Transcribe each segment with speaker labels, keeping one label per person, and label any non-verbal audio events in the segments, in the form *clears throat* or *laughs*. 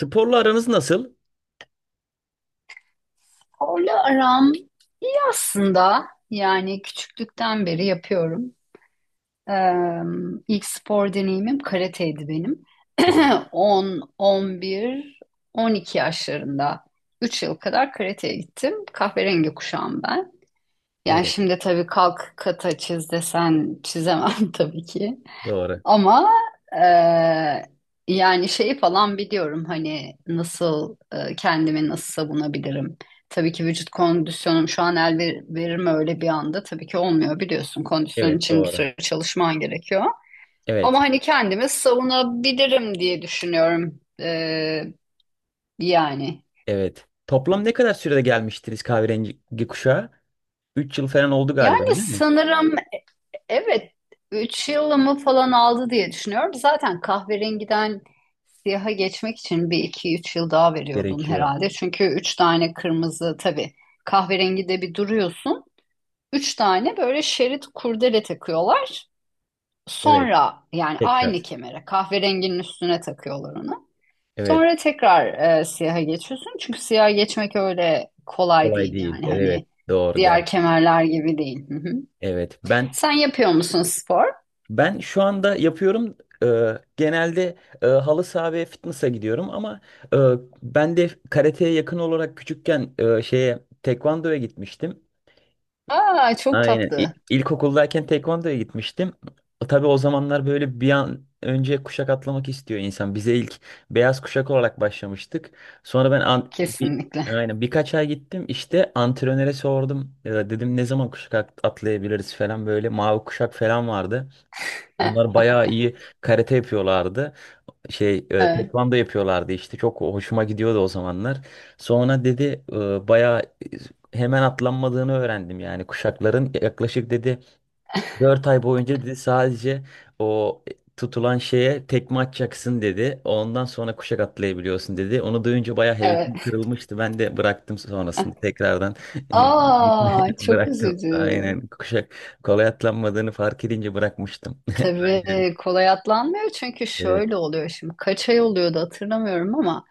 Speaker 1: Sporla aranız nasıl?
Speaker 2: Sporla aram iyi aslında. Yani küçüklükten beri yapıyorum. Eee ilk spor deneyimim karateydi benim.
Speaker 1: Evet,
Speaker 2: *clears throat* 10, 11, 12 yaşlarında 3 yıl kadar karateye gittim. Kahverengi kuşağım ben. Yani
Speaker 1: evet,
Speaker 2: şimdi tabii kalk kata çiz desen çizemem *laughs* tabii ki.
Speaker 1: doğru.
Speaker 2: Ama eee, yani şeyi falan biliyorum, hani nasıl kendimi nasıl savunabilirim. Tabii ki vücut kondisyonum şu an verir mi öyle bir anda? Tabii ki olmuyor, biliyorsun. Kondisyon
Speaker 1: Evet,
Speaker 2: için bir
Speaker 1: doğru.
Speaker 2: süre çalışman gerekiyor.
Speaker 1: Evet,
Speaker 2: Ama hani kendimi savunabilirim diye düşünüyorum. Yani.
Speaker 1: evet. Toplam ne kadar sürede gelmiştiniz kahverengi kuşağı? 3 yıl falan oldu
Speaker 2: Yani
Speaker 1: galiba, değil mi?
Speaker 2: sanırım, evet, 3 yılımı falan aldı diye düşünüyorum. Zaten kahverengiden siyaha geçmek için bir iki üç yıl daha veriyordun
Speaker 1: Gerekiyor.
Speaker 2: herhalde. Çünkü üç tane kırmızı, tabii kahverengide bir duruyorsun. Üç tane böyle şerit kurdele takıyorlar.
Speaker 1: Evet,
Speaker 2: Sonra yani
Speaker 1: tekrar.
Speaker 2: aynı kemere kahverenginin üstüne takıyorlar onu.
Speaker 1: Evet,
Speaker 2: Sonra tekrar siyaha geçiyorsun. Çünkü siyaha geçmek öyle kolay
Speaker 1: kolay
Speaker 2: değil,
Speaker 1: değil.
Speaker 2: yani
Speaker 1: Evet,
Speaker 2: hani
Speaker 1: doğru gel.
Speaker 2: diğer kemerler gibi değil. Hı hı.
Speaker 1: Evet, ben
Speaker 2: Sen yapıyor musun spor?
Speaker 1: ben şu anda yapıyorum. Genelde halı saha ve fitness'a gidiyorum ama e, ben de karateye yakın olarak küçükken şeye tekvandoya gitmiştim.
Speaker 2: Aa, çok
Speaker 1: Aynen.
Speaker 2: tatlı.
Speaker 1: İlkokuldayken tekvandoya gitmiştim. Tabii o zamanlar böyle bir an önce kuşak atlamak istiyor insan. Bize ilk beyaz kuşak olarak başlamıştık. Sonra bir,
Speaker 2: Kesinlikle.
Speaker 1: aynen birkaç ay gittim. İşte antrenöre sordum. Ya dedim ne zaman atlayabiliriz falan böyle. Mavi kuşak falan vardı. Onlar
Speaker 2: *laughs*
Speaker 1: bayağı iyi karate yapıyorlardı
Speaker 2: Evet.
Speaker 1: tekvando yapıyorlardı işte çok hoşuma gidiyordu o zamanlar. Sonra dedi bayağı hemen atlanmadığını öğrendim yani kuşakların yaklaşık dedi 4 ay boyunca dedi sadece o tutulan şeye tekme atacaksın dedi. Ondan sonra kuşak atlayabiliyorsun dedi. Onu duyunca bayağı hevesim
Speaker 2: Evet.
Speaker 1: kırılmıştı. Ben de bıraktım sonrasında tekrardan *laughs* gitmeyi
Speaker 2: Aa, çok
Speaker 1: bıraktım.
Speaker 2: üzücü.
Speaker 1: Aynen kuşak kolay atlanmadığını fark edince bırakmıştım. *laughs* Aynen.
Speaker 2: Tabii kolay atlanmıyor, çünkü
Speaker 1: Evet.
Speaker 2: şöyle oluyor şimdi. Kaç ay oluyordu hatırlamıyorum, ama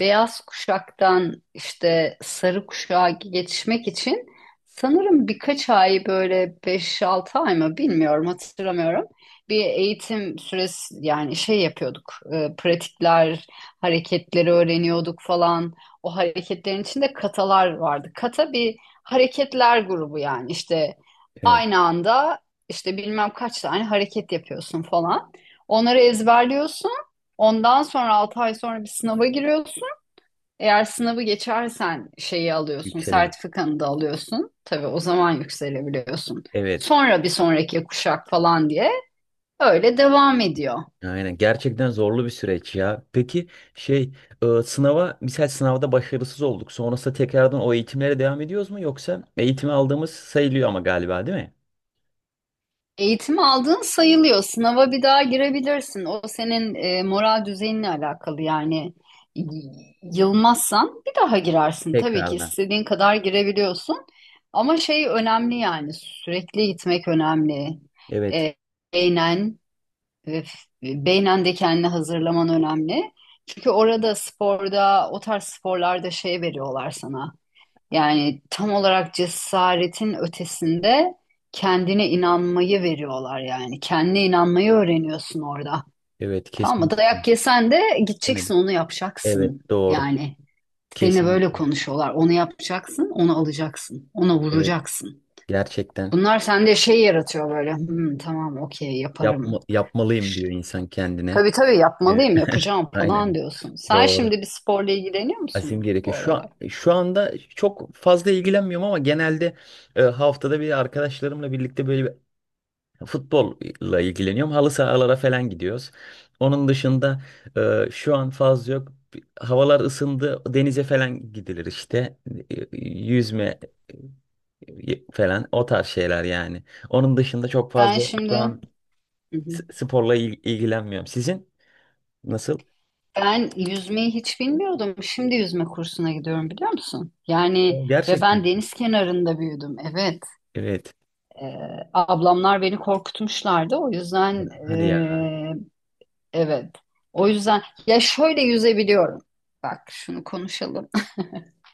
Speaker 2: beyaz kuşaktan işte sarı kuşağa geçmek için sanırım birkaç ay, böyle beş altı ay mı bilmiyorum, hatırlamıyorum. Bir eğitim süresi, yani şey yapıyorduk, pratikler, hareketleri öğreniyorduk falan. O hareketlerin içinde katalar vardı. Kata bir hareketler grubu, yani işte
Speaker 1: Evet.
Speaker 2: aynı anda işte bilmem kaç tane hareket yapıyorsun falan. Onları ezberliyorsun. Ondan sonra 6 ay sonra bir sınava giriyorsun. Eğer sınavı geçersen şeyi alıyorsun,
Speaker 1: Yükselebilir.
Speaker 2: sertifikanı da alıyorsun. Tabii o zaman yükselebiliyorsun.
Speaker 1: Evet.
Speaker 2: Sonra bir sonraki kuşak falan diye öyle devam ediyor.
Speaker 1: Aynen gerçekten zorlu bir süreç ya. Peki şey sınava misal sınavda başarısız olduk. Sonrasında tekrardan o eğitimlere devam ediyoruz mu yoksa eğitimi aldığımız sayılıyor ama galiba değil mi?
Speaker 2: Eğitim aldığın sayılıyor. Sınava bir daha girebilirsin. O senin moral düzeyinle alakalı yani. Y- Yılmazsan bir daha girersin. Tabii ki
Speaker 1: Tekrardan.
Speaker 2: istediğin kadar girebiliyorsun. Ama şey önemli, yani sürekli gitmek önemli.
Speaker 1: Evet.
Speaker 2: E, eğlen, Ve beynen de kendini hazırlaman önemli. Çünkü orada sporda, o tarz sporlarda şey veriyorlar sana. Yani tam olarak cesaretin ötesinde kendine inanmayı veriyorlar yani. Kendine inanmayı öğreniyorsun orada.
Speaker 1: Evet
Speaker 2: Tamam mı?
Speaker 1: kesinlikle.
Speaker 2: Dayak yesen de
Speaker 1: Yine de-
Speaker 2: gideceksin, onu
Speaker 1: Evet
Speaker 2: yapacaksın.
Speaker 1: doğru.
Speaker 2: Yani seninle böyle
Speaker 1: Kesinlikle.
Speaker 2: konuşuyorlar. Onu yapacaksın, onu alacaksın, ona
Speaker 1: Evet
Speaker 2: vuracaksın.
Speaker 1: gerçekten
Speaker 2: Bunlar sende şey yaratıyor böyle. "Hmm, tamam, okey, yaparım."
Speaker 1: yapma, yapmalıyım diyor insan kendine.
Speaker 2: Tabii tabii,
Speaker 1: Evet.
Speaker 2: yapmalıyım,
Speaker 1: *laughs*
Speaker 2: yapacağım falan
Speaker 1: Aynen.
Speaker 2: diyorsun. Sen
Speaker 1: Doğru.
Speaker 2: şimdi bir sporla ilgileniyor musun
Speaker 1: Azim gerekiyor.
Speaker 2: bu
Speaker 1: Şu
Speaker 2: aralar?
Speaker 1: an, şu anda çok fazla ilgilenmiyorum ama genelde haftada bir arkadaşlarımla birlikte böyle bir futbolla ilgileniyorum. Halı sahalara falan gidiyoruz. Onun dışında şu an fazla yok. Havalar ısındı. Denize falan gidilir işte. Yüzme falan o tarz şeyler yani. Onun dışında çok
Speaker 2: Ben
Speaker 1: fazla
Speaker 2: şimdi.
Speaker 1: şu an
Speaker 2: Hı hı.
Speaker 1: ilgilenmiyorum. Sizin nasıl?
Speaker 2: Ben yüzmeyi hiç bilmiyordum. Şimdi yüzme kursuna gidiyorum, biliyor musun? Yani ve
Speaker 1: Gerçekten.
Speaker 2: ben deniz kenarında büyüdüm. Evet.
Speaker 1: Evet.
Speaker 2: Ablamlar beni korkutmuşlardı. O yüzden
Speaker 1: Hadi ya.
Speaker 2: evet. O yüzden ya şöyle yüzebiliyorum. Bak şunu konuşalım.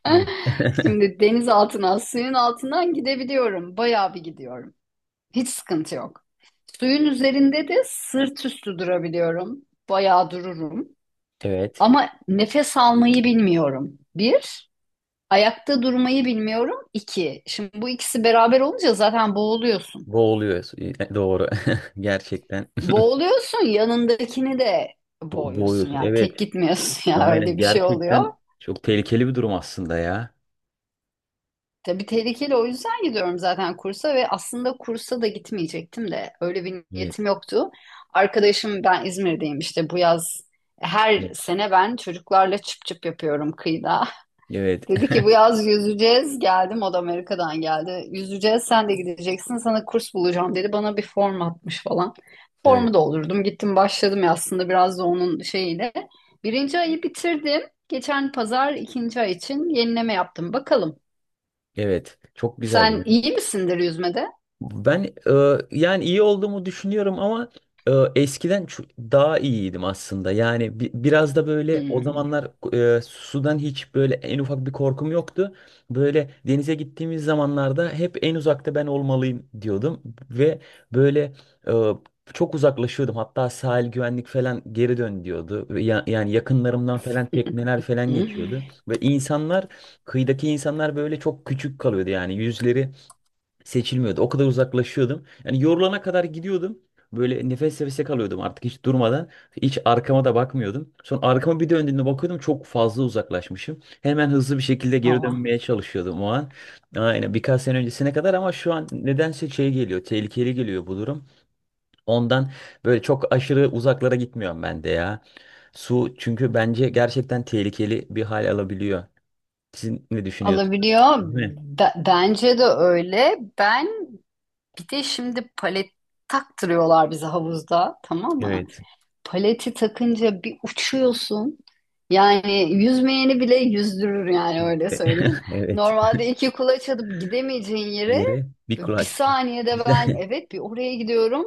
Speaker 2: *laughs*
Speaker 1: *laughs*
Speaker 2: Şimdi deniz altına, suyun altından gidebiliyorum. Bayağı bir gidiyorum. Hiç sıkıntı yok. Suyun üzerinde de sırt üstü durabiliyorum. Bayağı dururum.
Speaker 1: Evet.
Speaker 2: Ama nefes almayı bilmiyorum. Bir, ayakta durmayı bilmiyorum. İki, şimdi bu ikisi beraber olunca zaten boğuluyorsun.
Speaker 1: Boğuluyoruz. Doğru. *laughs* Gerçekten.
Speaker 2: Boğuluyorsun, yanındakini de boğuyorsun.
Speaker 1: Boğuyorsun.
Speaker 2: Yani
Speaker 1: Evet.
Speaker 2: tek gitmiyorsun, *laughs* ya öyle
Speaker 1: Aynen
Speaker 2: bir şey oluyor.
Speaker 1: gerçekten çok tehlikeli bir durum aslında ya.
Speaker 2: Tabii tehlikeli, o yüzden gidiyorum zaten kursa. Ve aslında kursa da gitmeyecektim, de öyle bir
Speaker 1: Evet.
Speaker 2: niyetim yoktu. Arkadaşım, ben İzmir'deyim işte, bu yaz her sene ben çocuklarla çıp çıp yapıyorum kıyıda.
Speaker 1: Evet.
Speaker 2: *laughs* Dedi ki
Speaker 1: *laughs*
Speaker 2: bu yaz yüzeceğiz. Geldim, o da Amerika'dan geldi. Yüzeceğiz, sen de gideceksin, sana kurs bulacağım dedi. Bana bir form atmış falan. Formu
Speaker 1: Evet.
Speaker 2: doldurdum, gittim, başladım ya aslında biraz da onun şeyiyle. Birinci ayı bitirdim. Geçen pazar ikinci ay için yenileme yaptım. Bakalım.
Speaker 1: Evet. Çok güzel
Speaker 2: Sen
Speaker 1: ya.
Speaker 2: iyi misindir yüzmede?
Speaker 1: Ben yani iyi olduğumu düşünüyorum ama eskiden daha iyiydim aslında. Yani biraz da böyle o
Speaker 2: Hmm.
Speaker 1: zamanlar sudan hiç böyle en ufak bir korkum yoktu. Böyle denize gittiğimiz zamanlarda hep en uzakta ben olmalıyım diyordum ve böyle e, çok uzaklaşıyordum. Hatta sahil güvenlik falan geri dön diyordu. Ve yani yakınlarımdan falan tekneler falan
Speaker 2: Hmm.
Speaker 1: geçiyordu ve insanlar kıyıdaki insanlar böyle çok küçük kalıyordu yani yüzleri seçilmiyordu. O kadar uzaklaşıyordum. Yani yorulana kadar gidiyordum. Böyle nefes nefese kalıyordum artık hiç durmadan. Hiç arkama da bakmıyordum. Sonra arkama bir döndüğümde bakıyordum çok fazla uzaklaşmışım. Hemen hızlı bir şekilde geri
Speaker 2: Valla.
Speaker 1: dönmeye çalışıyordum o an. Aynen birkaç sene öncesine kadar ama şu an nedense şey geliyor, tehlikeli geliyor bu durum. Ondan böyle çok aşırı uzaklara gitmiyorum ben de ya. Su çünkü bence gerçekten tehlikeli bir hal alabiliyor. Siz ne düşünüyorsunuz?
Speaker 2: Alabiliyor.
Speaker 1: Değil mi?
Speaker 2: Bence de öyle. Ben bir de şimdi palet taktırıyorlar bize havuzda. Tamam mı?
Speaker 1: Evet.
Speaker 2: Paleti takınca bir uçuyorsun. Yani yüzmeyeni bile yüzdürür, yani öyle
Speaker 1: *laughs*
Speaker 2: söyleyeyim.
Speaker 1: Evet.
Speaker 2: Normalde iki kulaç atıp gidemeyeceğin yere
Speaker 1: Yere bir
Speaker 2: bir
Speaker 1: kulaçtı.
Speaker 2: saniyede, ben
Speaker 1: *laughs*
Speaker 2: evet, bir oraya gidiyorum.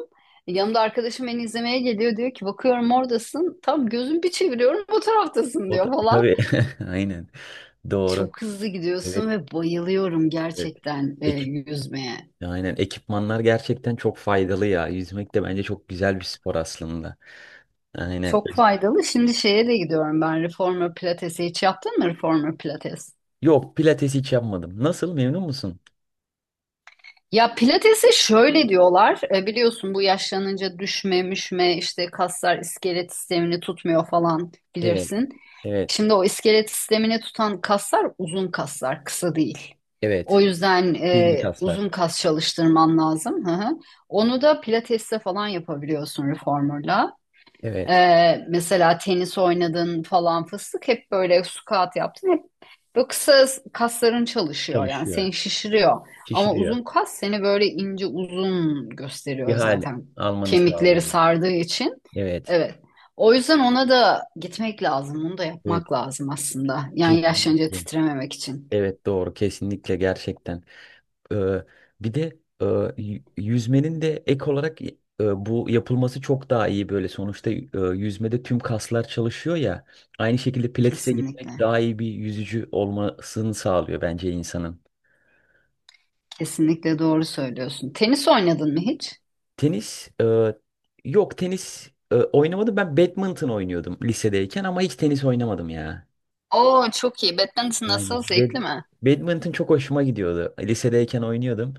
Speaker 2: Yanımda arkadaşım beni izlemeye geliyor, diyor ki bakıyorum oradasın. Tam gözüm bir çeviriyorum o taraftasın, diyor falan.
Speaker 1: Tabii *laughs* aynen. Doğru.
Speaker 2: Çok hızlı gidiyorsun
Speaker 1: Evet,
Speaker 2: ve bayılıyorum
Speaker 1: evet.
Speaker 2: gerçekten
Speaker 1: Ekip
Speaker 2: yüzmeye.
Speaker 1: aynen ekipmanlar gerçekten çok faydalı ya. Yüzmek de bence çok güzel bir spor aslında. Aynen.
Speaker 2: Çok faydalı. Şimdi şeye de gidiyorum ben, reformer pilatesi hiç yaptın mı, reformer pilates?
Speaker 1: Yok, pilates hiç yapmadım. Nasıl? Memnun musun?
Speaker 2: Ya pilatese şöyle diyorlar. Biliyorsun, bu yaşlanınca düşme, müşme, işte kaslar iskelet sistemini tutmuyor falan,
Speaker 1: Evet.
Speaker 2: bilirsin.
Speaker 1: Evet.
Speaker 2: Şimdi o iskelet sistemini tutan kaslar uzun kaslar, kısa değil. O
Speaker 1: Evet.
Speaker 2: yüzden
Speaker 1: Bilgili kaslar.
Speaker 2: uzun kas çalıştırman lazım. Hı hı. Onu da pilatesle falan yapabiliyorsun, reformerla.
Speaker 1: Evet.
Speaker 2: Mesela tenis oynadın falan fıstık, hep böyle squat yaptın, hep böyle kısa kasların çalışıyor, yani
Speaker 1: Çalışıyor.
Speaker 2: seni şişiriyor. Ama
Speaker 1: Şişiriyor.
Speaker 2: uzun kas seni böyle ince uzun gösteriyor
Speaker 1: Bir hal
Speaker 2: zaten,
Speaker 1: almanı
Speaker 2: kemikleri
Speaker 1: sağlıyor.
Speaker 2: sardığı için.
Speaker 1: Evet.
Speaker 2: Evet, o yüzden ona da gitmek lazım, onu da
Speaker 1: Evet.
Speaker 2: yapmak lazım aslında, yani yaşlanınca
Speaker 1: Kesinlikle.
Speaker 2: titrememek için.
Speaker 1: Evet doğru. Kesinlikle gerçekten. Ee, bir de yüzmenin de ek olarak bu yapılması çok daha iyi böyle. Sonuçta yüzmede tüm kaslar çalışıyor ya. Aynı şekilde pilatese
Speaker 2: Kesinlikle,
Speaker 1: gitmek daha iyi bir yüzücü olmasını sağlıyor bence insanın.
Speaker 2: kesinlikle doğru söylüyorsun. Tenis oynadın mı hiç?
Speaker 1: Tenis e, yok tenis oynamadım. Ben badminton oynuyordum lisedeyken ama hiç tenis oynamadım ya.
Speaker 2: Oo, çok iyi. Badminton
Speaker 1: Aynen.
Speaker 2: nasıl? Zevkli mi?
Speaker 1: Badminton çok hoşuma gidiyordu. Lisedeyken oynuyordum.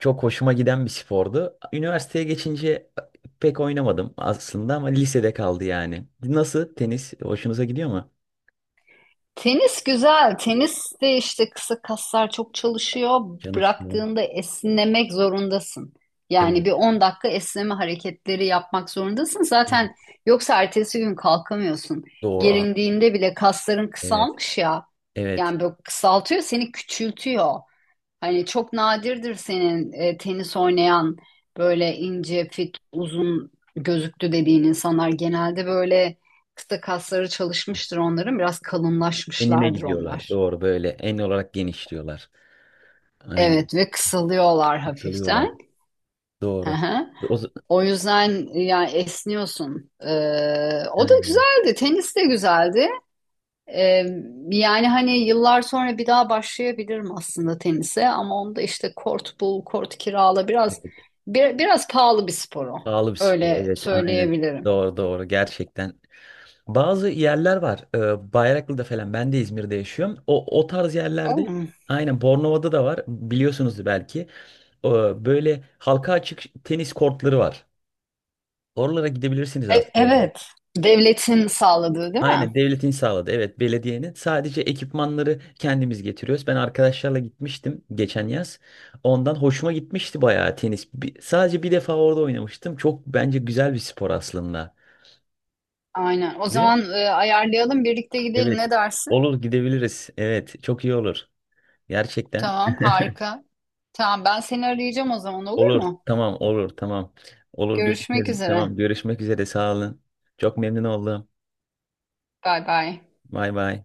Speaker 1: Çok hoşuma giden bir spordu. Üniversiteye geçince pek oynamadım aslında ama lisede kaldı yani. Nasıl tenis? Hoşunuza gidiyor mu?
Speaker 2: Tenis güzel. Tenis de işte kısa kaslar çok çalışıyor.
Speaker 1: Çalışmıyor.
Speaker 2: Bıraktığında esnemek zorundasın. Yani
Speaker 1: Evet.
Speaker 2: bir 10 dakika esneme hareketleri yapmak zorundasın.
Speaker 1: Evet.
Speaker 2: Zaten yoksa ertesi gün kalkamıyorsun.
Speaker 1: Doğru. Aa,
Speaker 2: Gerindiğinde bile kasların
Speaker 1: evet.
Speaker 2: kısalmış ya.
Speaker 1: Evet.
Speaker 2: Yani böyle kısaltıyor, seni küçültüyor. Hani çok nadirdir senin tenis oynayan böyle ince, fit, uzun gözüktü dediğin insanlar. Genelde böyle kısa kasları çalışmıştır onların. Biraz
Speaker 1: Enine
Speaker 2: kalınlaşmışlardır
Speaker 1: gidiyorlar.
Speaker 2: onlar.
Speaker 1: Doğru böyle. En olarak genişliyorlar. Aynen.
Speaker 2: Evet ve kısalıyorlar
Speaker 1: Kısalıyorlar.
Speaker 2: hafiften. Hı
Speaker 1: Doğru.
Speaker 2: hı.
Speaker 1: O, z-
Speaker 2: O yüzden yani esniyorsun. O da
Speaker 1: ha,
Speaker 2: güzeldi. Tenis de güzeldi. Ee, Yani hani yıllar sonra bir daha başlayabilirim aslında tenise, ama onda işte kort bul, kort kirala, biraz biraz pahalı bir spor o.
Speaker 1: pahalı bir spor.
Speaker 2: Öyle
Speaker 1: Evet. Aynen.
Speaker 2: söyleyebilirim.
Speaker 1: Doğru doğru. Gerçekten bazı yerler var. Bayraklı'da falan. Ben de İzmir'de yaşıyorum. O, o tarz yerlerde
Speaker 2: Ama-
Speaker 1: aynen Bornova'da da var. Biliyorsunuzdur belki. Ee, böyle halka açık tenis kortları var. Oralara gidebilirsiniz aslında.
Speaker 2: Evet. Devletin sağladığı değil
Speaker 1: Aynen
Speaker 2: mi?
Speaker 1: devletin sağladı. Evet belediyenin. Sadece ekipmanları kendimiz getiriyoruz. Ben arkadaşlarla gitmiştim geçen yaz. Ondan hoşuma gitmişti bayağı tenis. Sadece bir defa orada oynamıştım. Çok bence güzel bir spor aslında.
Speaker 2: Aynen. O
Speaker 1: Ve
Speaker 2: zaman ayarlayalım, birlikte gidelim.
Speaker 1: evet
Speaker 2: Ne dersin?
Speaker 1: olur gidebiliriz. Evet çok iyi olur. Gerçekten
Speaker 2: Tamam, harika. Tamam, ben seni arayacağım o zaman, olur
Speaker 1: olur.
Speaker 2: mu?
Speaker 1: Tamam olur. Tamam. Olur
Speaker 2: Görüşmek
Speaker 1: görüşelim.
Speaker 2: üzere.
Speaker 1: Tamam görüşmek üzere. Sağ olun. Çok memnun oldum.
Speaker 2: Bay bay.
Speaker 1: Bay bay.